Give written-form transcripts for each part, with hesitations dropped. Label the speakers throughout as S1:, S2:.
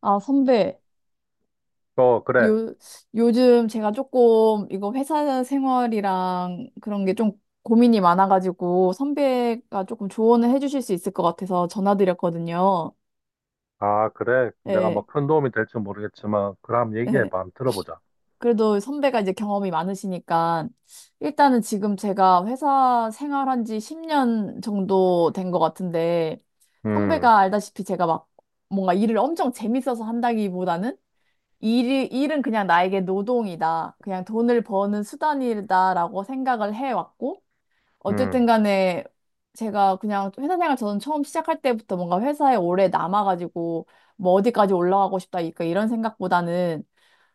S1: 아, 선배,
S2: 어, 그래.
S1: 요, 요즘 제가 조금 이거 회사 생활이랑 그런 게 좀 고민이 많아가지고 선배가 조금 조언을 해주실 수 있을 것 같아서 전화드렸거든요.
S2: 아, 그래. 내가
S1: 예,
S2: 막 큰 도움이 될지 모르겠지만, 그럼
S1: 예.
S2: 얘기해봐. 한번 들어보자.
S1: 그래도 선배가 이제 경험이 많으시니까 일단은 지금 제가 회사 생활한 지 10년 정도 된 것 같은데
S2: 음,
S1: 선배가 알다시피 제가 막 뭔가 일을 엄청 재밌어서 한다기보다는 일은 그냥 나에게 노동이다. 그냥 돈을 버는 수단이다라고 생각을 해왔고, 어쨌든
S2: 음,
S1: 간에 제가 그냥 회사 생활 저는 처음 시작할 때부터 뭔가 회사에 오래 남아가지고 뭐 어디까지 올라가고 싶다, 그러니까 이런 생각보다는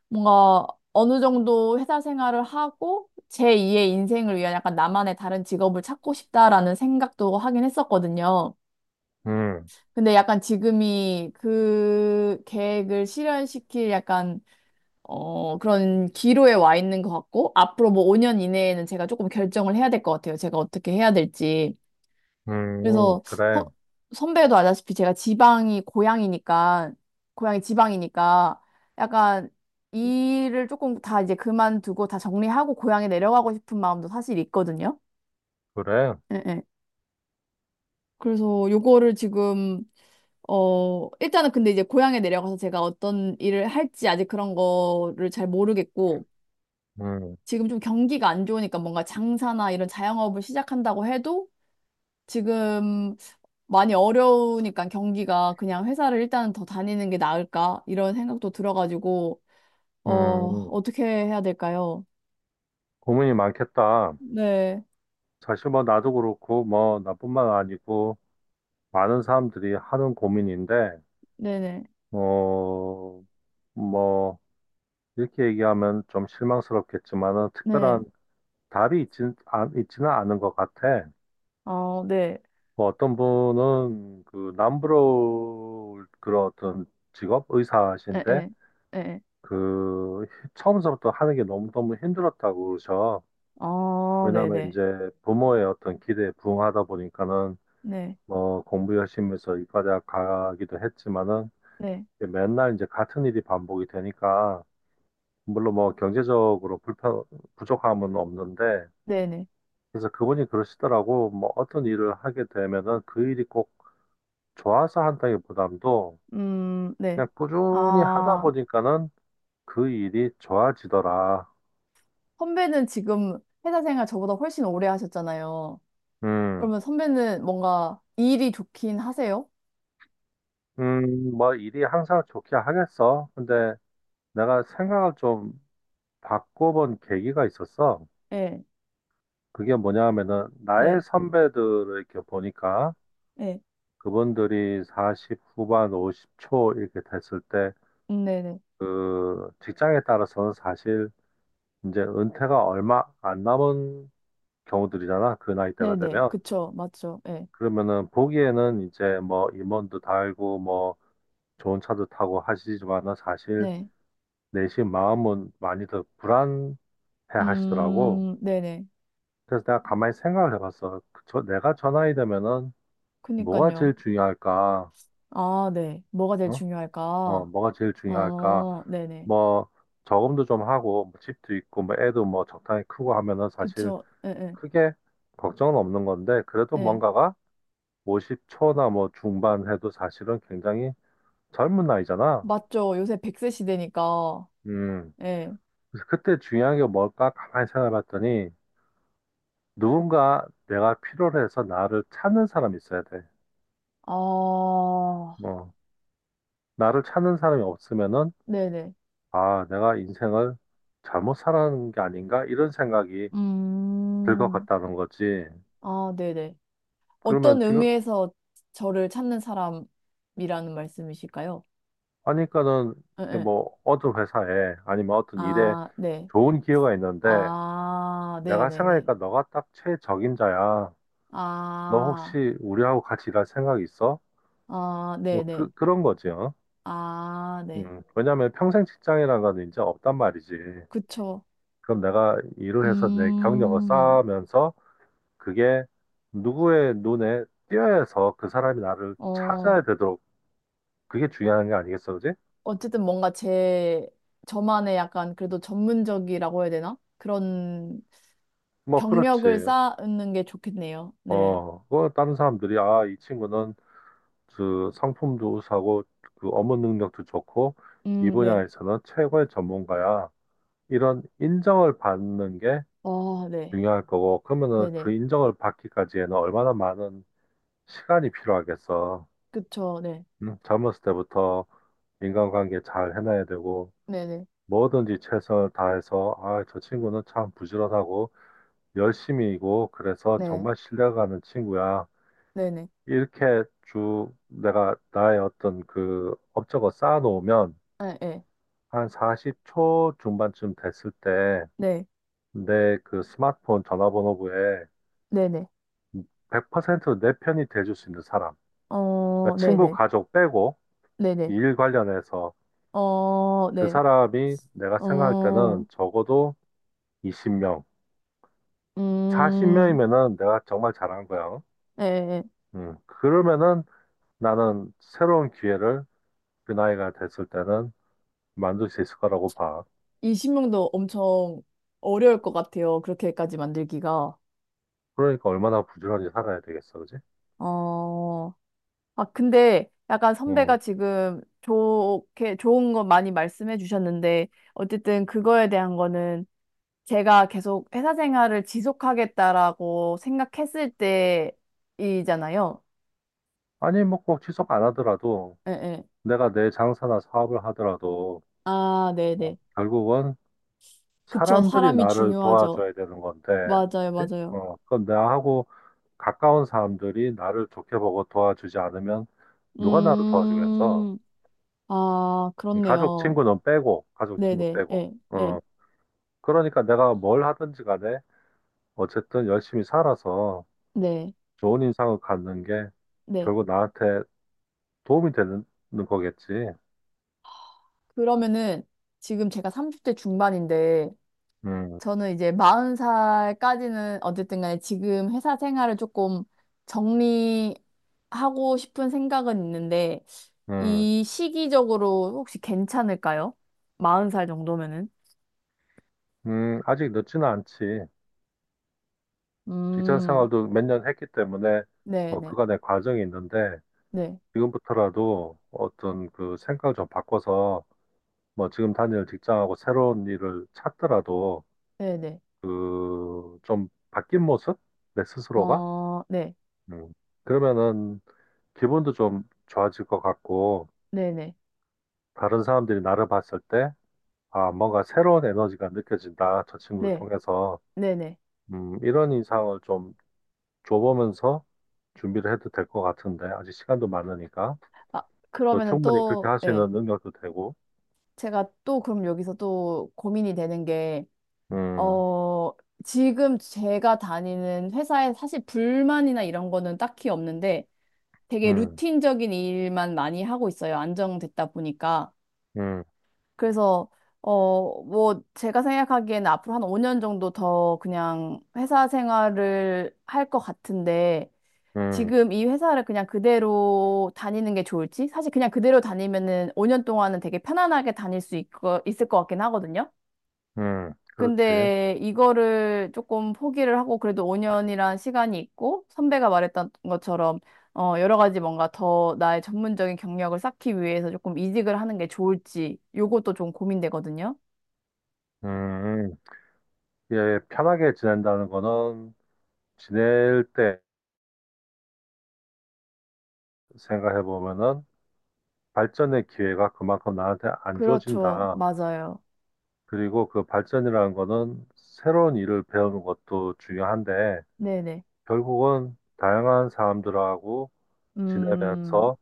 S1: 뭔가 어느 정도 회사 생활을 하고 제2의 인생을 위한 약간 나만의 다른 직업을 찾고 싶다라는 생각도 하긴 했었거든요.
S2: 음,
S1: 근데 약간 지금이 그 계획을 실현시킬 약간 그런 기로에 와 있는 것 같고, 앞으로 뭐 5년 이내에는 제가 조금 결정을 해야 될 것 같아요. 제가 어떻게 해야 될지. 그래서
S2: 그래,
S1: 허- 선배도 아다시피 제가 지방이 고향이니까, 고향이 지방이니까, 약간 일을 조금 다 이제 그만두고 다 정리하고 고향에 내려가고 싶은 마음도 사실 있거든요.
S2: 그래.
S1: 예, 예. 그래서 요거를 지금 일단은 근데 이제 고향에 내려가서 제가 어떤 일을 할지 아직 그런 거를 잘 모르겠고,
S2: 음,
S1: 지금 좀 경기가 안 좋으니까 뭔가 장사나 이런 자영업을 시작한다고 해도 지금 많이 어려우니까 경기가 그냥 회사를 일단은 더 다니는 게 나을까? 이런 생각도 들어가지고, 어,
S2: 음.
S1: 어떻게 해야 될까요?
S2: 고민이 많겠다.
S1: 네,
S2: 사실 뭐 나도 그렇고, 뭐 나뿐만 아니고, 많은 사람들이 하는 고민인데,
S1: 네네,
S2: 어, 뭐, 이렇게 얘기하면 좀 실망스럽겠지만은,
S1: 네.
S2: 특별한 답이 있지는 않은 것 같아.
S1: 어, 네,
S2: 뭐 어떤 분은 그 남부러울 그런 어떤 직업
S1: 에,
S2: 의사신데
S1: 에, 에, 에.
S2: 그 처음서부터 하는 게 너무너무 힘들었다고 그러셔.
S1: 어,
S2: 왜냐면
S1: 네네,
S2: 이제 부모의 어떤 기대에 부응하다 보니까는
S1: 네,
S2: 뭐 공부 열심히 해서 이과대학 가기도 했지만은
S1: 네,
S2: 맨날 이제 같은 일이 반복이 되니까 물론 뭐 경제적으로 불편 부족함은 없는데
S1: 네네.
S2: 그래서 그분이 그러시더라고 뭐 어떤 일을 하게 되면은 그 일이 꼭 좋아서 한다기보담도
S1: 네.
S2: 그냥 꾸준히 하다
S1: 아,
S2: 보니까는 그 일이 좋아지더라.
S1: 선배는 지금 회사 생활 저보다 훨씬 오래 하셨잖아요.
S2: 음,
S1: 그러면 선배는 뭔가 일이 좋긴 하세요?
S2: 뭐 일이 항상 좋게 하겠어. 근데 내가 생각을 좀 바꿔본 계기가 있었어.
S1: 네,
S2: 그게 뭐냐 하면은 나의
S1: 네,
S2: 선배들을 이렇게 보니까
S1: 네,
S2: 그분들이 40 후반 50초 이렇게 됐을 때
S1: 네네.
S2: 그 직장에 따라서는 사실 이제 은퇴가 얼마 안 남은 경우들이잖아. 그 나이대가
S1: 네네.
S2: 되면.
S1: 그쵸. 맞죠. 네,
S2: 그러면은 보기에는 이제 뭐 임원도 달고 뭐 좋은 차도 타고 하시지만은 사실
S1: 네.
S2: 내심 마음은 많이들 불안해 하시더라고.
S1: 네네.
S2: 그래서 내가 가만히 생각을 해봤어. 그 저, 내가 저 나이 되면은 뭐가
S1: 그니까요.
S2: 제일 중요할까?
S1: 아, 네. 뭐가 제일
S2: 어? 어,
S1: 중요할까?
S2: 뭐가 제일 중요할까?
S1: 어, 네네.
S2: 뭐 저금도 좀 하고 뭐 집도 있고 뭐 애도 뭐 적당히 크고 하면은 사실
S1: 그쵸. 예, 예,
S2: 크게 걱정은 없는 건데 그래도
S1: 예.
S2: 뭔가가 50초나 뭐 중반 해도 사실은 굉장히 젊은 나이잖아.
S1: 맞죠. 요새 100세 시대니까.
S2: 음,
S1: 예.
S2: 그래서 그때 중요한 게 뭘까 가만히 생각해봤더니 누군가 내가 필요로 해서 나를 찾는 사람이 있어야 돼.
S1: 아,
S2: 뭐 나를 찾는 사람이 없으면은
S1: 네네.
S2: 아 내가 인생을 잘못 살아가는 게 아닌가 이런 생각이 들 것
S1: 음,
S2: 같다는 거지.
S1: 아, 네네.
S2: 그러면
S1: 어떤
S2: 지금
S1: 의미에서 저를 찾는 사람이라는 말씀이실까요?
S2: 하니까는
S1: 예,
S2: 이게
S1: 예.
S2: 뭐 어떤 회사에 아니면 어떤 일에
S1: 아, 네.
S2: 좋은 기회가 있는데
S1: 아,
S2: 내가
S1: 네네네.
S2: 생각하니까 너가 딱 최적임자야. 너
S1: 아,
S2: 혹시 우리하고 같이 일할 생각 있어?
S1: 아,
S2: 뭐
S1: 네네.
S2: 그런 거지. 어?
S1: 아, 네.
S2: 왜냐면 평생 직장이라는 건 이제 없단 말이지.
S1: 그쵸.
S2: 그럼 내가 일을 해서 내 경력을
S1: 음,
S2: 쌓으면서 그게 누구의 눈에 띄어서 그 사람이 나를
S1: 어,
S2: 찾아야 되도록 그게 중요한 게 아니겠어, 그지?
S1: 어쨌든 뭔가 제, 저만의 약간 그래도 전문적이라고 해야 되나? 그런
S2: 뭐, 그렇지.
S1: 경력을 쌓는 게 좋겠네요. 네.
S2: 어, 그 다른 사람들이, 아, 이 친구는 그 상품도 우수하고 그 업무 능력도 좋고 이
S1: 네.
S2: 분야에서는 최고의 전문가야. 이런 인정을 받는 게
S1: 어, 네.
S2: 중요할 거고, 그러면은 그
S1: 네네.
S2: 인정을 받기까지에는 얼마나 많은 시간이 필요하겠어.
S1: 그쵸. 네.
S2: 응? 젊었을 때부터 인간관계 잘 해놔야 되고,
S1: 네네.
S2: 뭐든지 최선을 다해서, 아, 저 친구는 참 부지런하고, 열심히이고, 그래서
S1: 네.
S2: 정말 신뢰가는 친구야.
S1: 네네.
S2: 이렇게 쭉 내가 나의 어떤 그 업적을 쌓아놓으면,
S1: 네. 네.
S2: 한 40초 중반쯤 됐을 때,
S1: 네.
S2: 내 그 스마트폰 전화번호부에
S1: 네네.
S2: 100%내 편이 돼줄 수 있는 사람.
S1: 어,
S2: 그러니까 친구,
S1: 네네.
S2: 가족 빼고,
S1: 네네.
S2: 일 관련해서
S1: 어,
S2: 그
S1: 네.
S2: 사람이 내가 생각할
S1: 어,
S2: 때는 적어도 20명,
S1: 음,
S2: 40명이면은 내가 정말 잘한 거야.
S1: 예, 예.
S2: 그러면은 나는 새로운 기회를 그 나이가 됐을 때는 만들 수 있을 거라고 봐.
S1: 이 신명도 엄청 어려울 것 같아요. 그렇게까지 만들기가.
S2: 그러니까 얼마나 부지런히 살아야 되겠어, 그지?
S1: 어, 아, 근데 약간
S2: 어.
S1: 선배가 지금 좋게, 좋은 거 많이 말씀해 주셨는데, 어쨌든 그거에 대한 거는 제가 계속 회사 생활을 지속하겠다라고 생각했을 때이잖아요.
S2: 아니, 뭐 꼭 취소 안 하더라도
S1: 예, 예.
S2: 내가 내 장사나 사업을 하더라도
S1: 아,
S2: 어,
S1: 네네.
S2: 결국은
S1: 그쵸.
S2: 사람들이
S1: 사람이
S2: 나를
S1: 중요하죠.
S2: 도와줘야 되는 건데,
S1: 맞아요,
S2: 그치?
S1: 맞아요.
S2: 어, 그건 나하고 가까운 사람들이 나를 좋게 보고 도와주지 않으면 누가 나를 도와주겠어?
S1: 음. 아,
S2: 가족,
S1: 그렇네요.
S2: 친구는 빼고, 가족, 친구
S1: 네네,
S2: 빼고.
S1: 예, 예,
S2: 어, 그러니까 내가 뭘 하든지 간에 어쨌든 열심히 살아서
S1: 네,
S2: 좋은 인상을 갖는 게
S1: 네.
S2: 결국 나한테 도움이 되는 거겠지.
S1: 그러면은 지금 제가 30대 중반인데,
S2: 음,
S1: 저는 이제 40살까지는 어쨌든 간에 지금 회사 생활을 조금 정리하고 싶은 생각은 있는데,
S2: 음,
S1: 이 시기적으로 혹시 괜찮을까요? 40살 정도면은?
S2: 아직 늦지는 않지. 직장
S1: 음,
S2: 생활도 몇 년 했기 때문에
S1: 네
S2: 뭐
S1: 네,
S2: 그간의 과정이 있는데
S1: 네,
S2: 지금부터라도 어떤 그 생각을 좀 바꿔서 뭐 지금 다니는 직장하고 새로운 일을 찾더라도
S1: 네네.
S2: 그 좀 바뀐 모습? 내 스스로가?
S1: 어, 네,
S2: 음. 그러면은 기분도 좀 좋아질 것 같고
S1: 네 네,
S2: 다른 사람들이 나를 봤을 때 아, 뭔가 새로운 에너지가 느껴진다. 저 친구를
S1: 네,
S2: 통해서
S1: 네 네.
S2: 이런 인상을 좀 줘보면서 준비를 해도 될 것 같은데 아직 시간도 많으니까
S1: 아,
S2: 또
S1: 그러면은
S2: 충분히 그렇게
S1: 또,
S2: 할 수
S1: 예.
S2: 있는 능력도 되고
S1: 제가 또 그럼 여기서 또 고민이 되는 게,
S2: 음,
S1: 어, 지금 제가 다니는 회사에 사실 불만이나 이런 거는 딱히 없는데 되게
S2: 음,
S1: 루틴적인 일만 많이 하고 있어요. 안정됐다 보니까.
S2: 음,
S1: 그래서, 제가 생각하기에는 앞으로 한 5년 정도 더 그냥 회사 생활을 할 것 같은데
S2: 음,
S1: 지금 이 회사를 그냥 그대로 다니는 게 좋을지? 사실 그냥 그대로 다니면은 5년 동안은 되게 편안하게 다닐 수 있을 것 같긴 하거든요.
S2: 그렇지.
S1: 근데 이거를 조금 포기를 하고 그래도 5년이란 시간이 있고 선배가 말했던 것처럼 여러 가지 뭔가 더 나의 전문적인 경력을 쌓기 위해서 조금 이직을 하는 게 좋을지 요것도 좀 고민되거든요.
S2: 음, 음. 예, 편하게 지낸다는 거는 지낼 때 생각해 보면은 발전의 기회가 그만큼 나한테 안
S1: 그렇죠.
S2: 주어진다.
S1: 맞아요.
S2: 그리고 그 발전이라는 거는 새로운 일을 배우는 것도 중요한데
S1: 네네.
S2: 결국은 다양한 사람들하고
S1: 음,
S2: 지내면서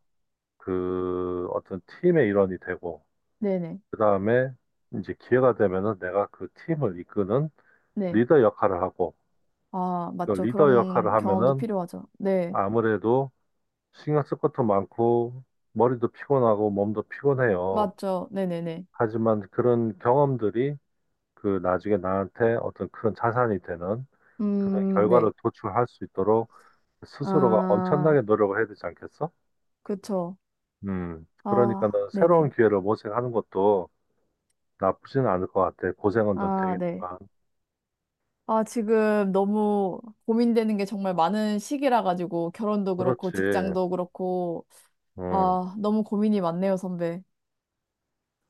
S2: 그 어떤 팀의 일원이 되고
S1: 네네.
S2: 그다음에 이제 기회가 되면은 내가 그 팀을 이끄는
S1: 네.
S2: 리더 역할을 하고
S1: 아,
S2: 그
S1: 맞죠.
S2: 리더 역할을
S1: 그런 경험도
S2: 하면은
S1: 필요하죠. 네.
S2: 아무래도 신경 쓸 것도 많고, 머리도 피곤하고, 몸도 피곤해요.
S1: 맞죠. 네네네.
S2: 하지만 그런 경험들이 그 나중에 나한테 어떤 큰 자산이 되는 그런
S1: 네.
S2: 결과를 도출할 수 있도록 스스로가
S1: 아,
S2: 엄청나게 노력을 해야 되지 않겠어?
S1: 그쵸. 아,
S2: 그러니까는 새로운
S1: 네네.
S2: 기회를 모색하는 것도 나쁘지는 않을 것 같아. 고생은 좀
S1: 아, 네.
S2: 되겠지만.
S1: 아, 지금 너무 고민되는 게 정말 많은 시기라 가지고 결혼도 그렇고
S2: 그렇지.
S1: 직장도 그렇고
S2: 음,
S1: 아, 너무 고민이 많네요, 선배.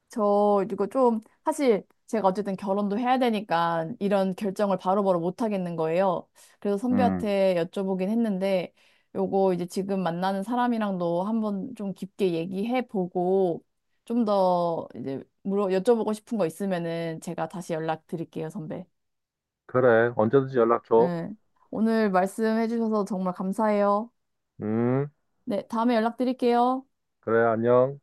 S1: 저 이거 좀 사실 제가 어쨌든 결혼도 해야 되니까 이런 결정을 바로바로 못 하겠는 거예요. 그래서
S2: 음.
S1: 선배한테 여쭤보긴 했는데 요거 이제 지금 만나는 사람이랑도 한번 좀 깊게 얘기해 보고 좀 더 이제 물어 여쭤보고 싶은 거 있으면은 제가 다시 연락드릴게요, 선배.
S2: 그래. 언제든지 연락 줘.
S1: 네. 오늘 말씀해 주셔서 정말 감사해요.
S2: 음,
S1: 네, 다음에 연락드릴게요.
S2: 그래. 안녕.